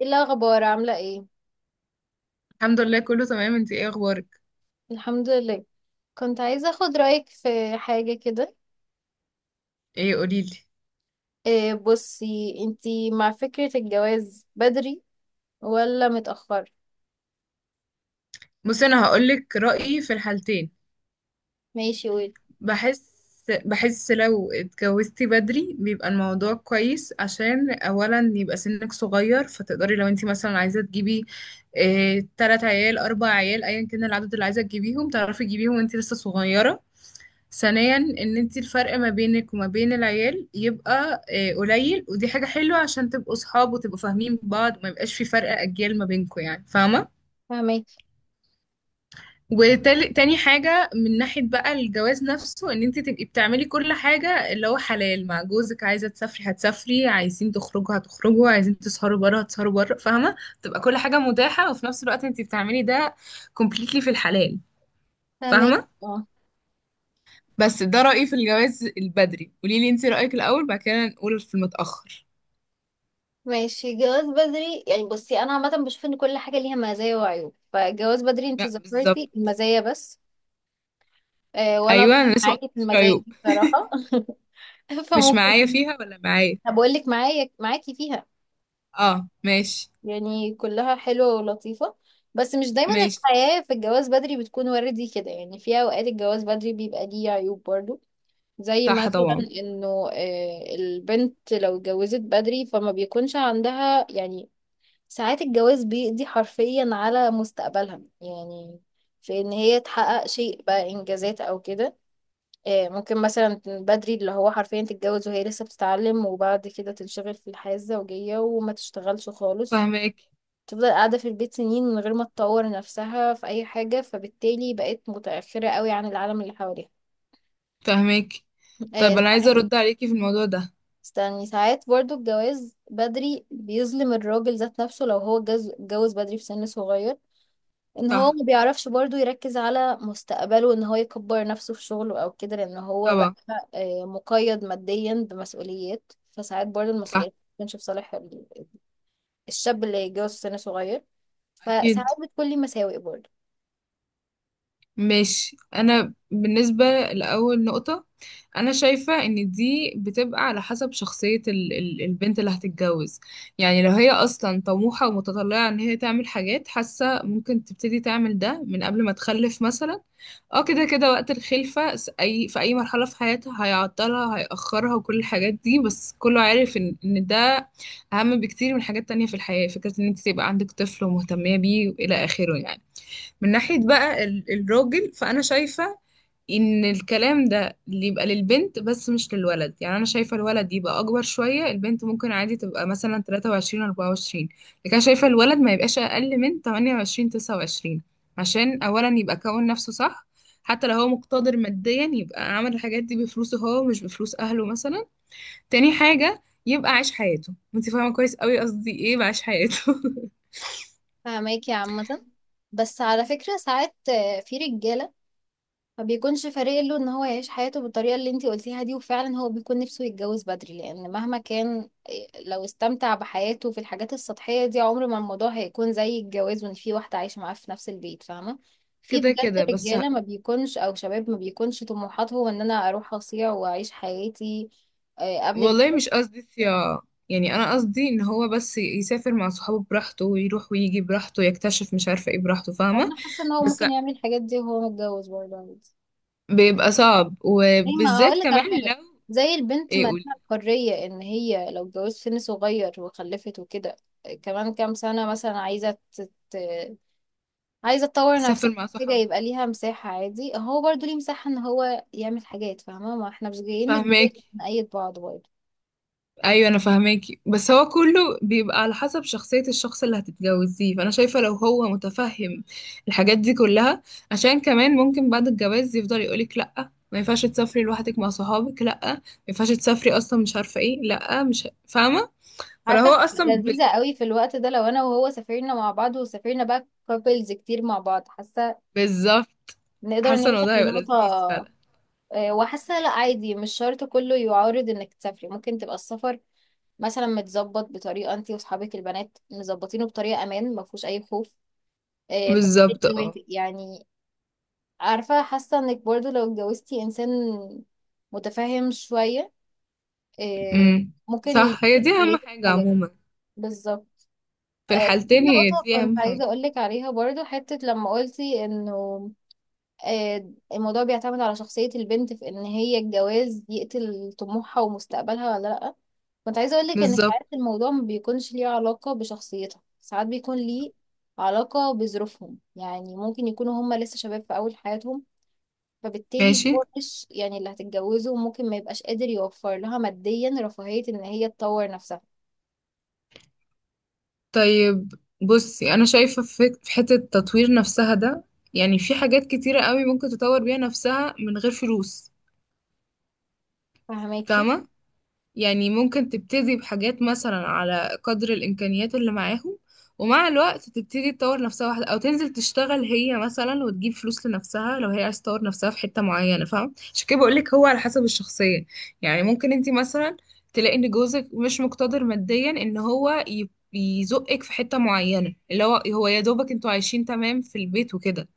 ايه الاخبار؟ عامله ايه؟ الحمد لله كله تمام. انتي ايه اخبارك؟ الحمد لله. كنت عايزه اخد رايك في حاجه كده. ايه قوليلي. إيه، بصي انتي مع فكره الجواز بدري ولا متاخر؟ بصي انا هقولك رأيي في الحالتين. ماشي، قولي. بحس بحس لو اتجوزتي بدري بيبقى الموضوع كويس، عشان اولا يبقى سنك صغير، فتقدري لو انتي مثلا عايزة تجيبي اه تلات عيال اربع عيال ايا كان العدد اللي عايزة تجيبيهم تعرفي تجيبيهم وانتي لسه صغيرة. ثانيا ان انتي الفرق ما بينك وما بين العيال يبقى قليل، ودي حاجة حلوة عشان تبقوا صحاب وتبقوا فاهمين بعض وما يبقاش في فرق اجيال ما بينكوا، يعني فاهمة. فهمك. وتاني حاجة من ناحية بقى الجواز نفسه، ان انت تبقي بتعملي كل حاجة اللي هو حلال مع جوزك، عايزة تسافري هتسافري، عايزين تخرجوا هتخرجوا، عايزين تسهروا بره هتسهروا بره، فاهمة. تبقى كل حاجة متاحة وفي نفس الوقت انت بتعملي ده completely في الحلال، فهمك. فاهمة. اه، بس ده رأيي في الجواز البدري، قولي لي انت رأيك الأول بعد كده نقول في المتأخر. ماشي. جواز بدري، يعني بصي انا عامه بشوف ان كل حاجه ليها مزايا وعيوب، فجواز بدري انتي لا ذكرتي بالظبط. المزايا بس. إيه، وانا أتفق ايوه انا لسه ما معاكي في قلتلكيش المزايا رأيك. دي بصراحه. مش معايا فممكن. فيها ولا معايا. بقول لك معاكي فيها. اه ماشي. يعني كلها حلوة ولطيفة. بس مش دايما ماشي. الحياة في الجواز بدري بتكون وردي كده، يعني في أوقات الجواز بدري بيبقى ليه عيوب برضو. زي صح مثلا طبعا. انه البنت لو اتجوزت بدري فما بيكونش عندها يعني. ساعات الجواز بيقضي حرفيا على مستقبلها يعني في ان هي تحقق شيء بقى انجازات او كده. ممكن مثلا بدري اللي هو حرفيا تتجوز وهي لسه بتتعلم وبعد كده تنشغل في الحياة الزوجية وما تشتغلش خالص. فاهمك. تفضل قاعدة في البيت سنين من غير ما تطور نفسها في أي حاجة، فبالتالي بقت متأخرة قوي عن العالم اللي حواليها. فاهمك. آه، طب انا عايزه ساعات. ارد عليكي في الموضوع ده. استني، ساعات برضو الجواز بدري بيظلم الراجل ذات نفسه لو هو اتجوز بدري في سن صغير. ان هو صح ما بيعرفش برضو يركز على مستقبله ان هو يكبر نفسه في شغله او كده لان هو بقى طبعا. مقيد ماديا بمسؤوليات، فساعات برضو صح. المسؤوليات ما بتكونش في صالح الشاب اللي يتجوز في سن صغير. اكيد. فساعات بتكون لي مساوئ برضو. ماشي، انا بالنسبه لاول نقطه، انا شايفه ان دي بتبقى على حسب شخصيه ال البنت اللي هتتجوز. يعني لو هي اصلا طموحه ومتطلعه ان هي تعمل حاجات، حاسه ممكن تبتدي تعمل ده من قبل ما تخلف مثلا. اه كده كده وقت الخلفه اي في اي مرحله في حياتها هيعطلها هيأخرها وكل الحاجات دي، بس كله عارف ان ده اهم بكتير من حاجات تانية في الحياه، فكره ان انت تبقى عندك طفل ومهتميه بيه والى اخره يعني. من ناحية بقى الراجل، فأنا شايفة إن الكلام ده اللي يبقى للبنت بس مش للولد. يعني أنا شايفة الولد يبقى أكبر شوية، البنت ممكن عادي تبقى مثلا 23 24، لكن أنا شايفة الولد ما يبقاش أقل من 28 29، عشان أولا يبقى كون نفسه صح. حتى لو هو مقتدر ماديا يبقى عمل الحاجات دي بفلوسه هو مش بفلوس أهله مثلا. تاني حاجة يبقى عايش حياته، انت فاهمة كويس قوي قصدي ايه بعيش حياته. فاهماكي عامة. بس على فكرة ساعات، في رجالة ما بيكونش فارق له ان هو يعيش حياته بالطريقة اللي انتي قلتيها دي، وفعلا هو بيكون نفسه يتجوز بدري لان مهما كان لو استمتع بحياته في الحاجات السطحية دي عمر ما الموضوع هيكون زي الجواز وان في واحدة عايشة معاه في نفس البيت، فاهمة. في كده بجد كده بس. رجالة ما بيكونش او شباب ما بيكونش طموحاته ان انا اروح اصيع واعيش حياتي قبل الجواز. والله مش قصدي صياعة، يعني انا قصدي ان هو بس يسافر مع صحابه براحته ويروح ويجي براحته، يكتشف مش عارفة ايه براحته، فاهمة. انا حاسة ان هو بس ممكن يعمل الحاجات دي وهو متجوز برضه عادي. بيبقى صعب زي ما وبالذات اقول لك كمان على حاجه، لو. زي البنت ايه ما لها قولي. الحريه ان هي لو اتجوزت سن صغير وخلفت وكده كمان كام سنه مثلا عايزه عايزه تطور تسافر نفسها، مع حاجه يبقى صحابها. ليها مساحه عادي، هو برضو ليه مساحه ان هو يعمل حاجات فاهمه، ما احنا مش جايين نتجوز فاهماك. نأيد بعض برضه. ايوه انا فاهماكي، بس هو كله بيبقى على حسب شخصية الشخص اللي هتتجوزيه، فانا شايفة لو هو متفهم الحاجات دي كلها. عشان كمان ممكن بعد الجواز يفضل يقولك لأ ما ينفعش تسافري لوحدك مع صحابك، لأ ما ينفعش تسافري اصلا مش عارفة ايه، لأ مش فاهمة. فلو هو عارفه اصلا هتبقى لذيذه قوي في الوقت ده لو انا وهو سافرنا مع بعض وسافرنا بقى كابلز كتير مع بعض، حاسه بالظبط. نقدر حاسة ان نوصل الموضوع هيبقى لذيذ لنقطه. فعلا. وحاسه لا عادي، مش شرط كله يعارض انك تسافري، ممكن تبقى السفر مثلا متظبط بطريقه انت واصحابك البنات مظبطينه بطريقه امان ما فيهوش اي خوف، فبالتالي بالظبط اه. يوافق يعني. عارفه حاسه انك برضو لو اتجوزتي انسان متفاهم شويه آه، امم ممكن صح هي يديكي دي اهم حريه في حاجة حاجات. عموما، بالظبط. في دي الحالتين هي نقطة دي اهم كنت عايزة حاجة. أقولك عليها برضو حتة لما قلتي إنه الموضوع بيعتمد على شخصية البنت في إن هي الجواز يقتل طموحها ومستقبلها ولا لأ. كنت عايزة أقولك إن بالظبط. ساعات الموضوع ما بيكونش ليه علاقة بشخصيتهم، ساعات بيكون ليه علاقة بظروفهم، يعني ممكن يكونوا هما لسه شباب في أول حياتهم، فبالتالي ماشي. هو مش يعني اللي هتتجوزه ممكن ما يبقاش قادر يوفر لها ماديا رفاهية إن هي تطور نفسها. طيب، بصي انا شايفه في حته التطوير نفسها ده، يعني في حاجات كتيره قوي ممكن تطور بيها نفسها من غير فلوس. فهماكي. فاهمه؟ يعني ممكن تبتدي بحاجات مثلا على قدر الإمكانيات اللي معاهم، ومع الوقت تبتدي تطور نفسها واحدة، أو تنزل تشتغل هي مثلا وتجيب فلوس لنفسها لو هي عايز تطور نفسها في حتة معينة، فاهم. عشان كده بقولك هو على حسب الشخصية. يعني ممكن انتي مثلا تلاقي ان جوزك مش مقتدر ماديا ان هو يزقك في حتة معينة، اللي هو يا دوبك انتوا عايشين تمام في البيت وكده.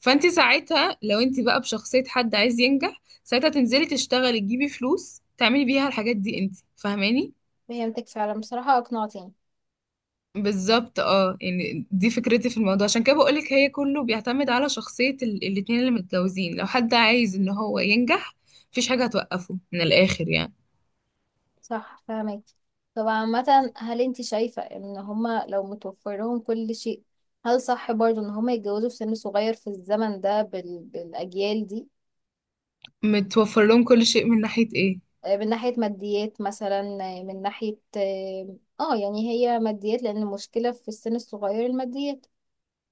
فانت ساعتها لو انت بقى بشخصية حد عايز ينجح، ساعتها تنزلي تشتغلي تجيبي فلوس تعملي بيها الحاجات دي، انت فاهماني. فهمتك فعلا، بصراحة أقنعتيني. بالظبط اه. يعني دي فكرتي في الموضوع، عشان كده بقولك هي كله بيعتمد على شخصية الاتنين اللي متجوزين، لو حد عايز ان هو ينجح مفيش حاجة هتوقفه من الاخر يعني. صح، فهماكي. طب عامة هل انتي شايفة إن هما لو متوفر لهم كل شيء، هل صح برضه إن هما يتجوزوا في سن صغير في الزمن ده بالأجيال دي؟ متوفر لهم كل شيء من ناحية ايه؟ من ناحية ماديات مثلا. من ناحية يعني هي ماديات، لأن المشكلة في السن الصغير الماديات،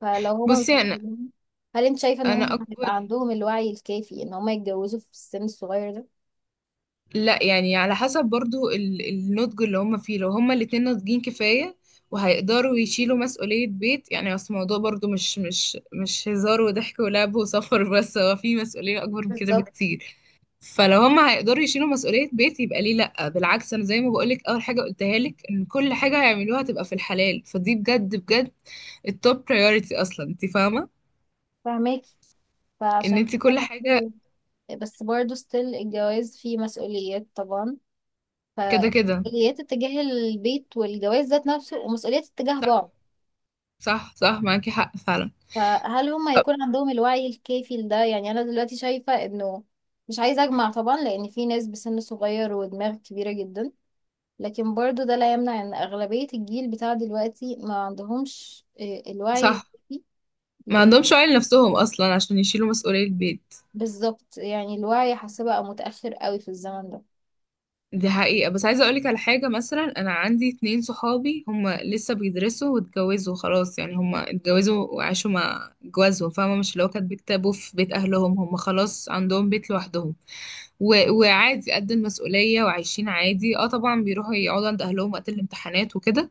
فلو هما بصي انا متوفرين، هل انت شايفة ان انا هما هيبقى اكبر. عندهم الوعي الكافي ان هما يتجوزوا في السن الصغير ده؟ لا يعني على حسب برضو النضج اللي هم فيه، لو هم الاتنين ناضجين كفاية وهيقدروا يشيلوا مسؤولية بيت، يعني اصل الموضوع برضو مش هزار وضحك ولعب وسفر بس، هو في مسؤولية أكبر من كده بالظبط. بكتير. فلو هم هيقدروا يشيلوا مسؤولية بيت يبقى ليه لأ، بالعكس. أنا زي ما بقولك أول حاجة قلتها لك، إن كل حاجة هيعملوها تبقى في الحلال فدي بجد بجد التوب priority أصلا، أنت فاهمة. فهماكي. إن فعشان أنت كده كل حاجة برضه. بس برضه ستيل الجواز فيه مسؤوليات طبعا، ف كده كده. مسؤوليات اتجاه البيت والجواز ذات نفسه ومسؤوليات اتجاه صح بعض. صح. صح معاكي حق فعلا. فهل هم هيكون عندهم الوعي الكافي لده، يعني انا دلوقتي شايفة انه مش عايزة اجمع طبعا لان في ناس بسن صغير ودماغ كبيرة جدا، لكن برضو ده لا يمنع ان اغلبية الجيل بتاع دلوقتي ما عندهمش الوعي صح. الكافي. ما لأن- عندهمش عيل نفسهم اصلا عشان يشيلوا مسؤولية البيت. بالظبط، يعني الوعي حاسة بقى متأخر قوي في الزمن ده. دي حقيقة، بس عايزة اقولك على حاجة مثلا. انا عندي اتنين صحابي هما لسه بيدرسوا واتجوزوا خلاص، يعني هما اتجوزوا وعاشوا مع جوازهم، فاهمة، مش اللي هو كانت بيكتبوا في بيت اهلهم، هما خلاص عندهم بيت لوحدهم و... وعادي قد المسؤولية وعايشين عادي. اه طبعا بيروحوا يقعدوا عند اهلهم وقت الامتحانات وكده،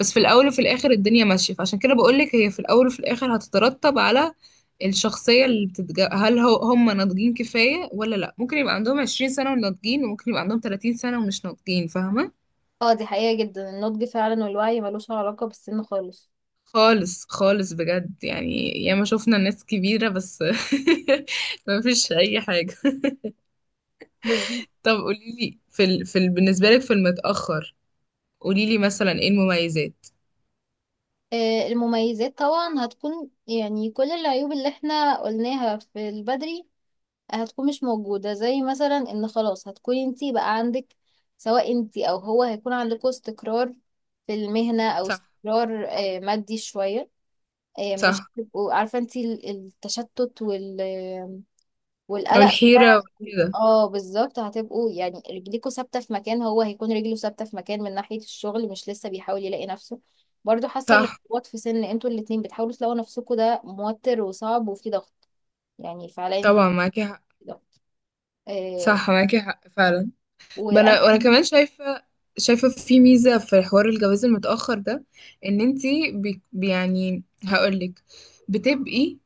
بس في الاول وفي الاخر الدنيا ماشيه. فعشان كده بقولك هي في الاول وفي الاخر هتترتب على الشخصيه اللي هل هو هم ناضجين كفايه ولا لا. ممكن يبقى عندهم 20 سنه وناضجين، وممكن يبقى عندهم 30 سنه ومش ناضجين، فاهمه. اه دي حقيقة جدا، النضج فعلا والوعي ملوش علاقة بالسن خالص. خالص خالص بجد، يعني ياما شفنا ناس كبيره بس مفيش اي حاجه. بالظبط. طب قوليلي بالنسبه لك في المتاخر قوليلي مثلا ايه المميزات. المميزات طبعا هتكون يعني كل العيوب اللي احنا قلناها في البدري هتكون مش موجودة، زي مثلا ان خلاص هتكوني انتي بقى عندك، سواء انتي او هو هيكون عندكوا استقرار في المهنة او صح استقرار مادي شوية. مش صح. هتبقوا عارفة انتي التشتت والقلق. والحيره وكده. اه بالظبط، هتبقوا يعني رجليكوا ثابتة في مكان، هو هيكون رجله ثابتة في مكان من ناحية الشغل مش لسه بيحاول يلاقي نفسه. برضو حاسة صح الارتباط في سن انتوا الاتنين بتحاولوا تلاقوا نفسكوا ده موتر وصعب وفي ضغط، يعني فعليا طبعا معاكي حق. في ضغط. آه، صح معاكي حق فعلا. ما وانا. انا وانا كمان شايفه، شايفه في ميزه في حوار الجواز المتاخر ده، ان انتي يعني هقولك بتبقي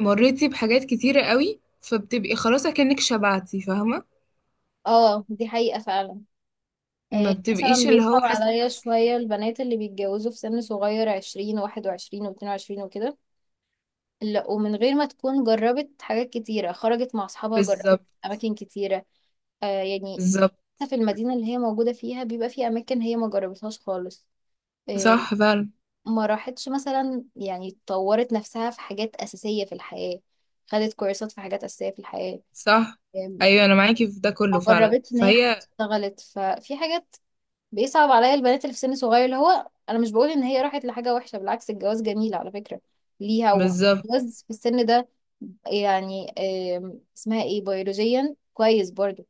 مريتي بحاجات كتيره قوي، فبتبقي خلاص اكنك شبعتي، فاهمه. اه دي حقيقة فعلا. ما إيه مثلا بتبقيش اللي هو بيصعب حاسه ان عليا ناقصك شوية حاجه. البنات اللي بيتجوزوا في سن صغير، 20 21 واتنين وعشرين وكده، لا ومن غير ما تكون جربت حاجات كتيرة، خرجت مع أصحابها، جربت بالظبط. أماكن كتيرة يعني بالظبط. حتى في المدينة اللي هي موجودة فيها بيبقى في أماكن هي ما جربتهاش خالص. إيه، صح فعلا. ما راحتش مثلا، يعني طورت نفسها في حاجات أساسية في الحياة، خدت كورسات في حاجات أساسية في الحياة. صح إيه، ايوه انا معاكي في ده كله ما فعلا، جربتش إن هي حتى فهي اشتغلت، ففي حاجات بيصعب عليا البنات اللي في سن صغير، اللي هو انا مش بقول ان هي راحت لحاجه وحشه، بالعكس الجواز جميل على فكره ليها، بالظبط. وجواز في السن ده يعني اسمها ايه بيولوجيا كويس برضو،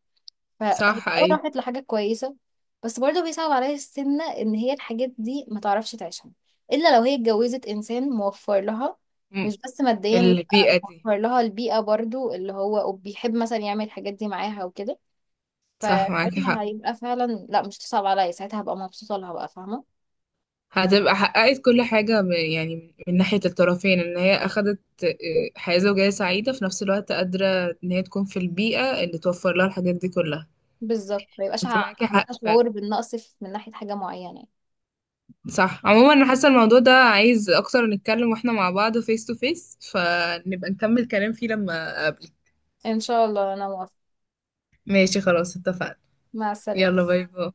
فهي صح ايوه. راحت لحاجه كويسه. بس برضو بيصعب عليا السن ان هي الحاجات دي ما تعرفش تعيشها الا لو هي اتجوزت انسان موفر لها، م- مش بس ماديا لا، البيئه دي. موفر لها البيئه برضو اللي هو وبيحب مثلا يعمل الحاجات دي معاها وكده. صح معاكي فساعتها حق. هيبقى فعلا لا مش تصعب عليا، ساعتها هبقى مبسوطة لها بقى فاهمة. هتبقى حققت كل حاجة يعني من ناحية الطرفين، ان هي اخدت حياة زوجية سعيدة، في نفس الوقت قادرة ان هي تكون في البيئة اللي توفر لها الحاجات دي كلها. بالظبط، ما يبقاش انت معاكي حق عندها فعلا. شعور بالنقص من ناحية حاجة معينة يعني. صح. عموما انا حاسة الموضوع ده عايز اكتر نتكلم واحنا مع بعض فيس تو فيس، فنبقى نكمل كلام فيه لما اقابلك. ان شاء الله انا موافقة. ماشي خلاص اتفقنا. مع السلامة. يلا باي باي.